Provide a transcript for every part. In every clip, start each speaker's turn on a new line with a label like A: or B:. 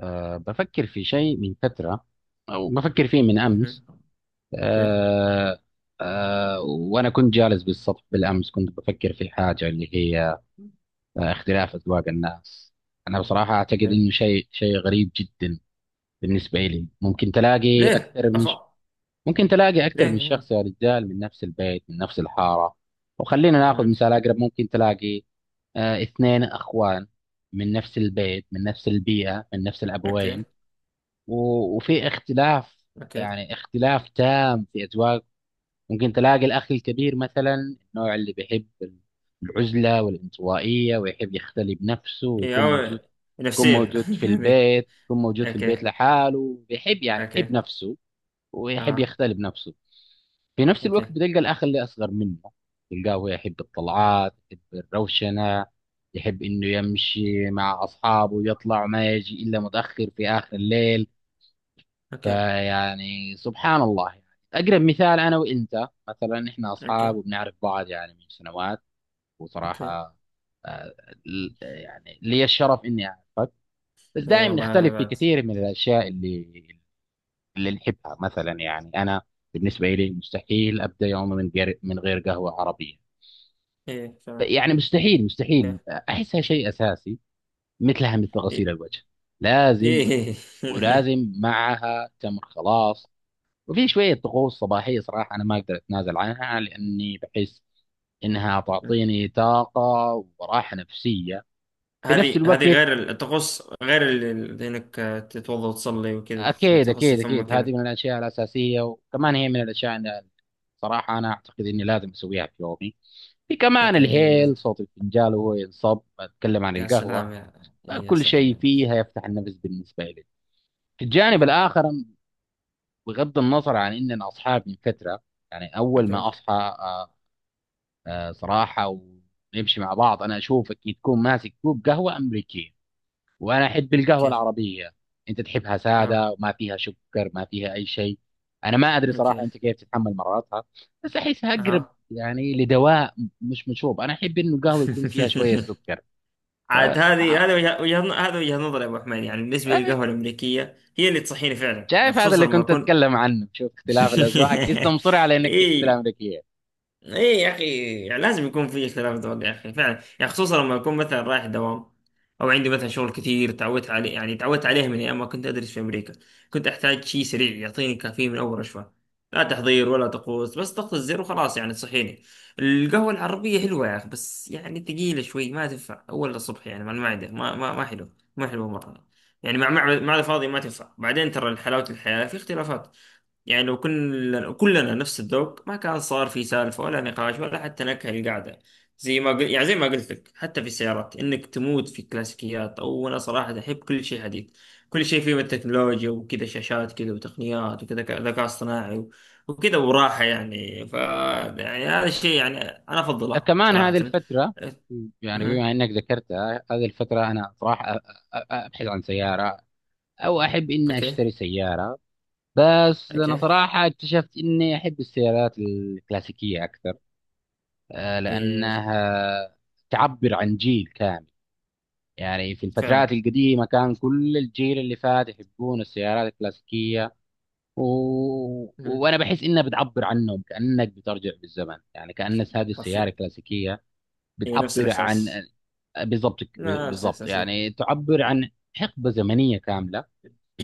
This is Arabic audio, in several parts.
A: بفكر في شيء من فترة، أو بفكر فيه من أمس.
B: مهم. اوكي،
A: أه أه وأنا كنت جالس بالسطح بالأمس، كنت بفكر في حاجة اللي هي اختلاف أذواق الناس. أنا بصراحة أعتقد
B: اوكي.
A: إنه شيء غريب جدا. بالنسبة لي ممكن تلاقي
B: ليه؟
A: أكثر من
B: أفا
A: ممكن تلاقي أكثر من
B: ليه؟
A: شخص يا رجال، من نفس البيت من نفس الحارة. وخلينا ناخذ
B: مهم.
A: مثال أقرب. ممكن تلاقي اثنين أخوان، من نفس البيت من نفس البيئة من نفس
B: اوكي،
A: الأبوين. وفي اختلاف،
B: اوكي.
A: يعني اختلاف تام في أذواق. ممكن تلاقي الأخ الكبير مثلا، النوع اللي بيحب العزلة والانطوائية ويحب يختلي بنفسه
B: ايه
A: ويكون
B: او،
A: موجود، يكون
B: نفسية.
A: موجود في
B: هذه.
A: البيت، يكون موجود في البيت
B: اوكي،
A: لحاله، بيحب يعني بيحب
B: اوكي.
A: نفسه ويحب
B: اها.
A: يختلي بنفسه. في نفس
B: اوكي،
A: الوقت بتلقى الأخ اللي أصغر منه، تلقاه هو يحب الطلعات، يحب الروشنة، يحب إنه يمشي مع أصحابه يطلع ما يجي إلا متأخر في آخر الليل.
B: اوكي،
A: فيعني سبحان الله يعني. أقرب مثال أنا وأنت، مثلا إحنا
B: اوكي،
A: أصحاب وبنعرف بعض يعني من سنوات،
B: اوكي.
A: وصراحة آه، يعني لي الشرف إني أعرفك. بس
B: اي
A: دائما
B: والله، انا
A: نختلف في
B: بعد.
A: كثير من الأشياء اللي نحبها مثلا. يعني أنا بالنسبة لي مستحيل أبدأ يومي من غير قهوة عربية.
B: ايه فعلا.
A: يعني مستحيل مستحيل.
B: اوكي.
A: أحسها شيء أساسي، مثلها مثل غسيل
B: ايه.
A: الوجه، لازم.
B: إيه.
A: ولازم معها تمر، خلاص. وفي شوية طقوس صباحية، صراحة أنا ما أقدر أتنازل عنها لأني بحس إنها تعطيني طاقة وراحة نفسية في نفس
B: هذه
A: الوقت.
B: غير ال- تخص غير ال- ال- انك تتوضا وتصلي وكذا،
A: أكيد
B: تغسل
A: أكيد
B: فمك
A: أكيد، هذه
B: كذا.
A: من الأشياء الأساسية، وكمان هي من الأشياء اللي صراحة أنا أعتقد إني لازم أسويها في يومي. في كمان
B: اوكي، اي لازم.
A: الهيل، صوت الفنجان وهو ينصب، أتكلم عن
B: يا
A: القهوة.
B: سلام يا... يا
A: كل
B: سلام
A: شيء
B: يا أخي.
A: فيها يفتح النفس بالنسبة لي. في الجانب
B: إيه.
A: الآخر، بغض النظر عن إننا أصحاب من فترة، يعني أول
B: اوكي،
A: ما أصحى آه، صراحة ونمشي مع بعض، أنا أشوفك تكون ماسك كوب قهوة أمريكية، وأنا أحب القهوة
B: اوكي.
A: العربية. أنت تحبها
B: اه.
A: سادة، وما فيها سكر، ما فيها أي شيء. أنا ما أدري صراحة
B: اوكي.
A: أنت كيف تتحمل مرارتها، بس أحسها أقرب
B: اها.
A: يعني لدواء، مش مشروب. أنا أحب إنه القهوة يكون فيها شوية سكر.
B: عاد
A: فسبحان
B: هذه هذا
A: الله.
B: وجه- وجهة ن- هذا وجهة نظر يا ابو حميد. يعني بالنسبة
A: آه،
B: للقهوة الامريكية، هي اللي تصحيني فعلا، يعني
A: شايف هذا
B: خصوصا
A: اللي
B: لما
A: كنت
B: اكون...
A: أتكلم عنه، شوف اختلاف الأذواق، قست مصر على إنك تحب
B: اي.
A: الأمريكية.
B: ايه يا اخي. يعني لازم يكون في اختلاف ذوق يا اخي، فعلا. يعني خصوصا لما اكون مثلا رايح دوام، او عندي مثلا شغل كثير. تعودت عليه، يعني تعودت عليه من ايام ما كنت ادرس في امريكا. كنت احتاج شيء سريع يعطيني كافيين من اول رشفه، لا تحضير ولا طقوس، بس ضغط الزر وخلاص، يعني تصحيني. القهوه العربيه حلوه يا اخي، بس يعني ثقيله شوي، ما تنفع اول الصبح يعني، مع المعده ما حلو، ما حلو مره. يعني مع الفاضي ما تنفع. بعدين ترى حلاوه الحياه في اختلافات. يعني لو كلنا نفس الذوق، ما كان صار في سالفة ولا نقاش، ولا حتى نكهة القعدة. زي ما قل... يعني زي ما قلت لك، حتى في السيارات، انك تموت في الكلاسيكيات، او انا صراحة احب كل شيء حديث، كل شيء فيه من التكنولوجيا وكذا، شاشات كذا وتقنيات وكذا، ذكاء اصطناعي و... وكذا وراحة. يعني ف يعني هذا الشيء يعني انا افضله
A: كمان
B: صراحة.
A: هذه الفترة، يعني
B: أه.
A: بما انك ذكرتها هذه الفترة، انا صراحة ابحث عن سيارة، او احب اني
B: اوكي،
A: اشتري سيارة. بس انا
B: اوكي.
A: صراحة اكتشفت اني احب السيارات الكلاسيكية اكثر،
B: إيه.
A: لانها تعبر عن جيل كامل. يعني في
B: فعلا.
A: الفترات القديمة كان كل الجيل اللي فات يحبون السيارات الكلاسيكية، و...
B: أه.
A: وانا بحس انها بتعبر عنهم، كأنك بترجع بالزمن، يعني كأن هذه السيارة
B: حرفيا.
A: الكلاسيكية
B: إيه، نفس
A: بتعبر عن
B: الاحساس.
A: بالضبط
B: نفس
A: بالضبط،
B: الاحساس. إيه.
A: يعني تعبر عن حقبة زمنية كاملة،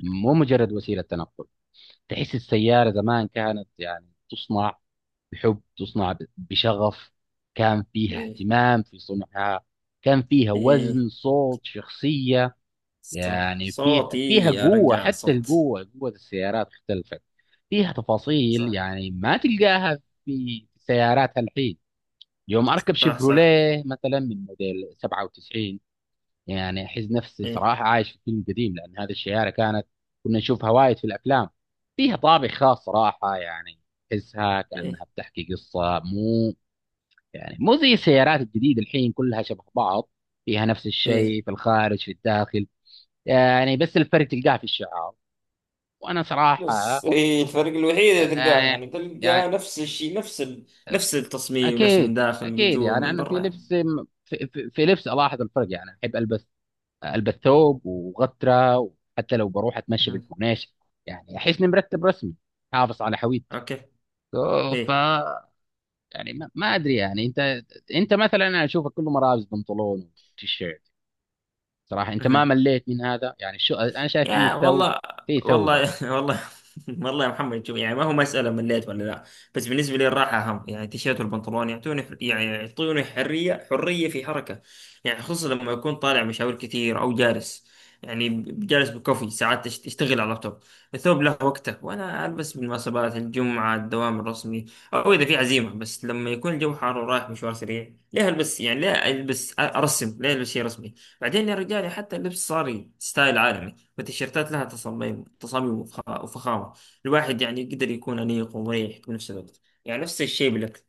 A: مو مجرد وسيلة تنقل. تحس السيارة زمان كانت يعني تصنع بحب، تصنع بشغف، كان فيها
B: إيه.
A: اهتمام في صنعها، كان فيها
B: إيه،
A: وزن، صوت، شخصية.
B: صح
A: يعني فيها
B: صوتي.
A: فيها
B: يا
A: قوة،
B: رجال،
A: حتى
B: صوت.
A: القوة، قوة السيارات اختلفت. فيها
B: صح،
A: تفاصيل يعني ما تلقاها في سيارات الحين. يوم أركب
B: صح، صح.
A: شيفروليه مثلا من موديل 97، يعني احس نفسي
B: ايه،
A: صراحه عايش في فيلم قديم، لان هذه الشوارع كانت كنا نشوفها وايد في الافلام. فيها طابع خاص صراحه، يعني تحسها
B: ايه،
A: كانها بتحكي قصه، مو زي السيارات الجديده الحين كلها شبه بعض. فيها نفس
B: ايه.
A: الشيء في الخارج في الداخل، يعني بس الفرق تلقاه في الشعار. وانا
B: بس
A: صراحه،
B: إيه الفرق الوحيد اللي تلقاه؟
A: يعني
B: يعني تلقاه
A: يعني
B: نفس الشيء، نفس ال... نفس التصميم، نفس من
A: اكيد
B: داخل، من
A: اكيد،
B: جوا،
A: يعني
B: من
A: انا في
B: برا يعني.
A: لبس، في لبس الاحظ الفرق. يعني احب البس قلب الثوب وغترة، وحتى لو بروح اتمشى
B: أها.
A: بالكورنيش يعني احس اني مرتب، رسمي، حافظ على هويتي.
B: اوكي.
A: أوه،
B: ايه.
A: يعني ما ادري، يعني انت مثلا انا اشوفك كله ملابس بنطلون وتيشيرت. صراحة انت ما
B: أها.
A: مليت من هذا؟ يعني شو، انا شايف ان
B: يا
A: الثوب
B: والله.
A: فيه ثوبة.
B: والله. والله. والله يا محمد، شوف يعني، ما هو مسألة مليت ولا لا. بس بالنسبة لي الراحة أهم. يعني التيشيرت والبنطلون يعطوني يعني يعطوني حرية في حركة. يعني خصوصا لما أكون طالع مشاوير كثير، أو جالس، يعني جالس بكوفي ساعات تشتغل على اللابتوب. الثوب له وقته، وأنا ألبس بالمناسبات، الجمعة، الدوام الرسمي، أو إذا في عزيمة. بس لما يكون الجو حار ورايح مشوار سريع، ليه ألبس؟ يعني ليه ألبس أرسم؟ ليه ألبس شيء رسمي؟ بعدين يا رجال، حتى اللبس صار ستايل عالمي. والتيشيرتات لها تصاميم وفخامة. الواحد يعني يقدر يكون أنيق ومريح في نفس الوقت. يعني نفس الشيء بالأكل.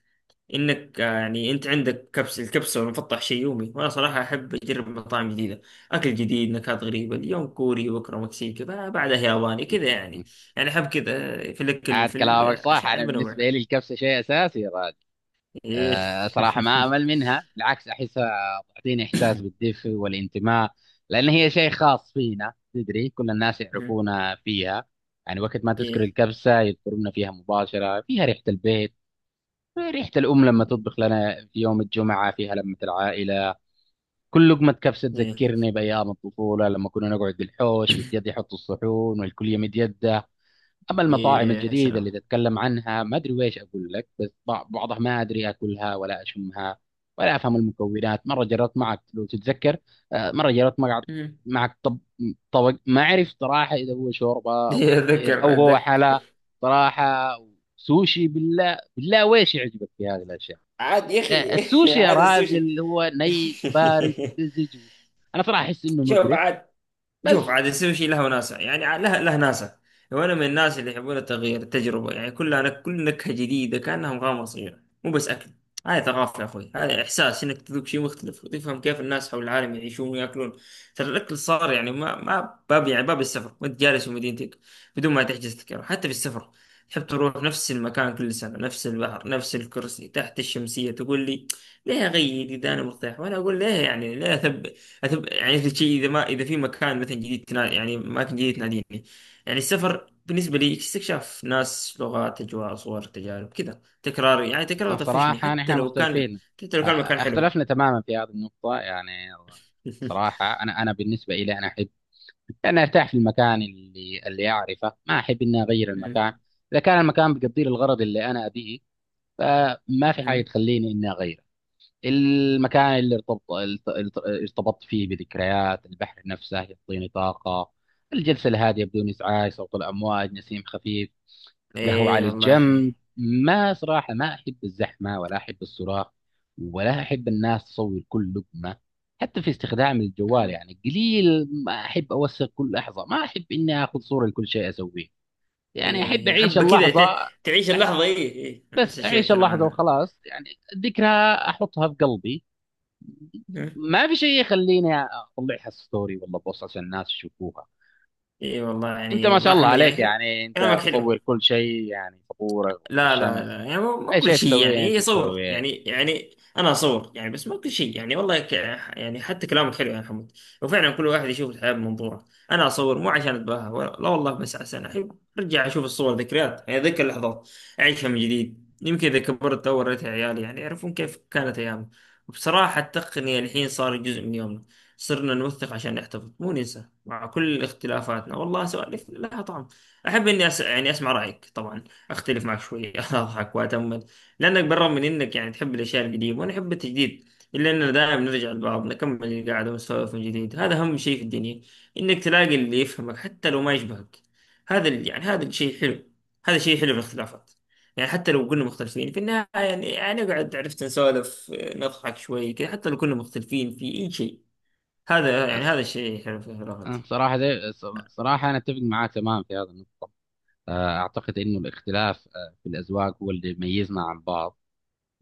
B: إنك آه، يعني أنت عندك الكبسة والمفطح شيء يومي، وأنا صراحة أحب أجرب مطاعم جديدة، أكل جديد، نكهات غريبة. اليوم كوري، بكرة مكسيكي، بعدها ياباني كذا يعني. يعني أحب كذا. آه، في الأكل،
A: عاد
B: في
A: كلامك صح،
B: العشاء،
A: انا
B: أحب أنوع.
A: بالنسبة لي الكبسة شيء اساسي.
B: إيه.
A: صراحة ما أمل منها، بالعكس أحسها تعطيني إحساس بالدفء والانتماء. لأن هي شيء خاص فينا، تدري كل الناس يعرفونا فيها. يعني وقت ما تذكر
B: إيه،
A: الكبسة يذكرونا فيها مباشرة، فيها ريحة البيت، ريحة الأم لما تطبخ لنا في يوم الجمعة، فيها لمة العائلة. كل لقمة كبسة
B: إيه،
A: تذكرني بأيام الطفولة، لما كنا نقعد بالحوش والجد يحط الصحون والكل يمد يده. اما
B: إيه،
A: المطاعم
B: يا
A: الجديده
B: سلام.
A: اللي تتكلم عنها، ما ادري ويش اقول لك، بس بعضها ما ادري اكلها ولا اشمها، ولا افهم المكونات. مره جربت معك لو تتذكر، مره جربت معك
B: أمم.
A: معك طبق، ما اعرف صراحه اذا هو شوربه او عصير
B: اتذكر،
A: او هو
B: اتذكر.
A: حلا. صراحه، سوشي؟ بالله بالله ويش يعجبك في هذه الاشياء؟
B: عاد يا اخي.
A: السوشي يا
B: عاد السوشي.
A: راجل، هو ني وبارد، مزج. انا صراحه احس انه
B: شوف
A: مقرف.
B: عاد. شوف
A: بس
B: عاد، يصير شيء له وناسه، يعني له ناسه. وانا من الناس اللي يحبون التغيير، التجربه. يعني كل نكهه جديده كانها مغامره صغيره، مو بس اكل. هاي ثقافه يا اخوي. هذا احساس انك تذوق شيء مختلف، وتفهم كيف الناس حول العالم يعيشون وياكلون. ترى الاكل صار يعني ما ما باب، يعني باب السفر وانت جالس في مدينتك، بدون ما تحجز تذكره. حتى في السفر، تحب تروح نفس المكان كل سنه، نفس البحر، نفس الكرسي تحت الشمسيه. تقول لي: ليه اغير اذا انا مرتاح؟ وانا اقول ليه، يعني ليه اثبت؟ يعني مثل شيء، اذا ما اذا في مكان مثلا جديد يعني اماكن جديده تناديني. يعني السفر بالنسبه لي استكشاف، ناس، لغات، اجواء، صور، تجارب، كذا. تكرار، يعني تكرار طفشني،
A: صراحة
B: حتى
A: نحن
B: لو كان
A: مختلفين،
B: حتى لو كان مكان حلو.
A: اختلفنا تماما في هذه النقطة يعني. صراحة أنا بالنسبة إلي، أنا أحب أن أرتاح في المكان اللي أعرفه، ما أحب إني أغير
B: مم.
A: المكان. إذا كان المكان بيقضي لي الغرض اللي أنا أبيه، فما في حاجة
B: مم.
A: تخليني إني أغيره. المكان اللي ارتبطت فيه بذكريات، البحر نفسه يعطيني طاقة، الجلسة الهادئة بدون إزعاج، صوت الأمواج، نسيم خفيف، قهوة
B: ايه
A: على الجنب.
B: والله.
A: ما صراحة ما أحب الزحمة، ولا أحب الصراخ، ولا أحب الناس تصور كل لقمة. حتى في استخدام الجوال
B: مم.
A: يعني قليل، ما أحب أوثق كل لحظة، ما أحب إني آخذ صورة لكل شيء أسويه. يعني أحب
B: ايه،
A: أعيش
B: احب كذا.
A: اللحظة.
B: تعيش
A: أح-
B: اللحظه، ايه، ايه،
A: بس
B: نفس الشيء
A: أعيش
B: اتكلم
A: اللحظة
B: عنها.
A: وخلاص يعني، ذكرى أحطها في قلبي،
B: مم.
A: ما في شيء يخليني أطلعها ستوري ولا بوست عشان الناس يشوفوها.
B: ايه والله
A: أنت
B: يعني،
A: ما
B: والله
A: شاء الله
B: محمد
A: عليك،
B: يعني
A: يعني أنت
B: كلامك حلو.
A: تصور كل شيء، يعني صبورة
B: لا، لا،
A: والشمس،
B: لا، يعني مو
A: اي
B: كل
A: شيء
B: شيء يعني،
A: تسويه انت
B: هي صور
A: تسويه.
B: يعني، انا اصور يعني، بس مو كل شيء يعني. يعني حتى كلامك حلو يا حمود. وفعلا كل واحد يشوف الحياه بمنظوره. انا اصور مو عشان اتباهى، ولا لا والله، بس عشان احب ارجع اشوف الصور، ذكريات يعني، اتذكر اللحظات، اعيشها من جديد. يمكن اذا كبرت او وريتها عيالي يعني يعرفون كيف كانت ايامنا. وبصراحه التقنيه الحين صار جزء من يومنا، صرنا نوثق عشان نحتفظ، مو ننسى. مع كل اختلافاتنا، والله سوالف لها طعم. احب اني يعني اسمع رايك طبعا، اختلف معك شويه، اضحك واتامل. لانك بالرغم من انك يعني تحب الاشياء القديمه وانا احب التجديد، الا اننا دائما نرجع لبعض، نكمل القعده ونسولف من جديد. هذا اهم شيء في الدنيا، انك تلاقي اللي يفهمك حتى لو ما يشبهك. يعني هذا الشيء حلو. هذا شيء حلو في الاختلافات. يعني حتى لو كنا مختلفين في النهايه، يعني نقعد، عرفت، نسولف، نضحك شوي كذا، حتى لو كنا مختلفين في اي شيء. هذا، يعني
A: أس-
B: هذا الشيء حلو في الاختلافات.
A: صراحه دي، صراحه انا اتفق معاك تماما في هذه النقطه. اعتقد انه الاختلاف في الاذواق هو اللي يميزنا عن بعض.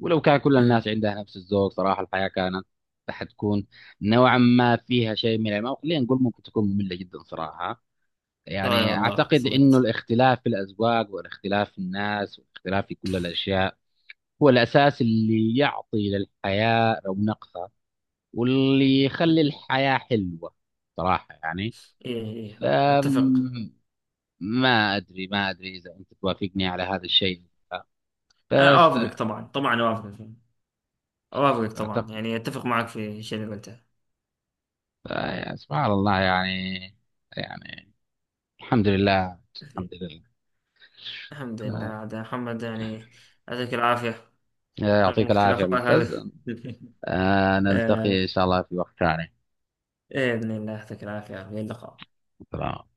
A: ولو كان كل
B: امم.
A: الناس عندها نفس الذوق، صراحه الحياه حتكون نوعا ما فيها شيء من الملل، خلينا نقول ممكن تكون ممله جدا صراحه.
B: آه
A: يعني
B: والله،
A: اعتقد انه
B: صدقت.
A: الاختلاف في الاذواق، والاختلاف في الناس، والاختلاف في كل الاشياء هو الاساس اللي يعطي للحياه رونقها، واللي يخلي
B: مهم.
A: الحياة حلوة، صراحة يعني.
B: ايه، ايه، إيه،
A: أم،
B: اتفق.
A: ما أدري إذا أنت توافقني على هذا الشيء،
B: آه،
A: بس
B: اوافقك طبعا. طبعا اوافقك. اوافقك طبعا.
A: أعتقد.
B: يعني اتفق معك في الشيء اللي قلته.
A: سبحان الله يعني الحمد لله، الحمد لله.
B: الحمد لله عاد يا محمد يعني. يعطيك العافية. رغم
A: يعطيك العافية،
B: اختلافات هذا.
A: ممتاز.
B: آه،
A: نلتقي إن شاء الله في وقت ثاني.
B: إيه، بإذن الله. يعطيك العافية. إلى اللقاء.
A: سلام.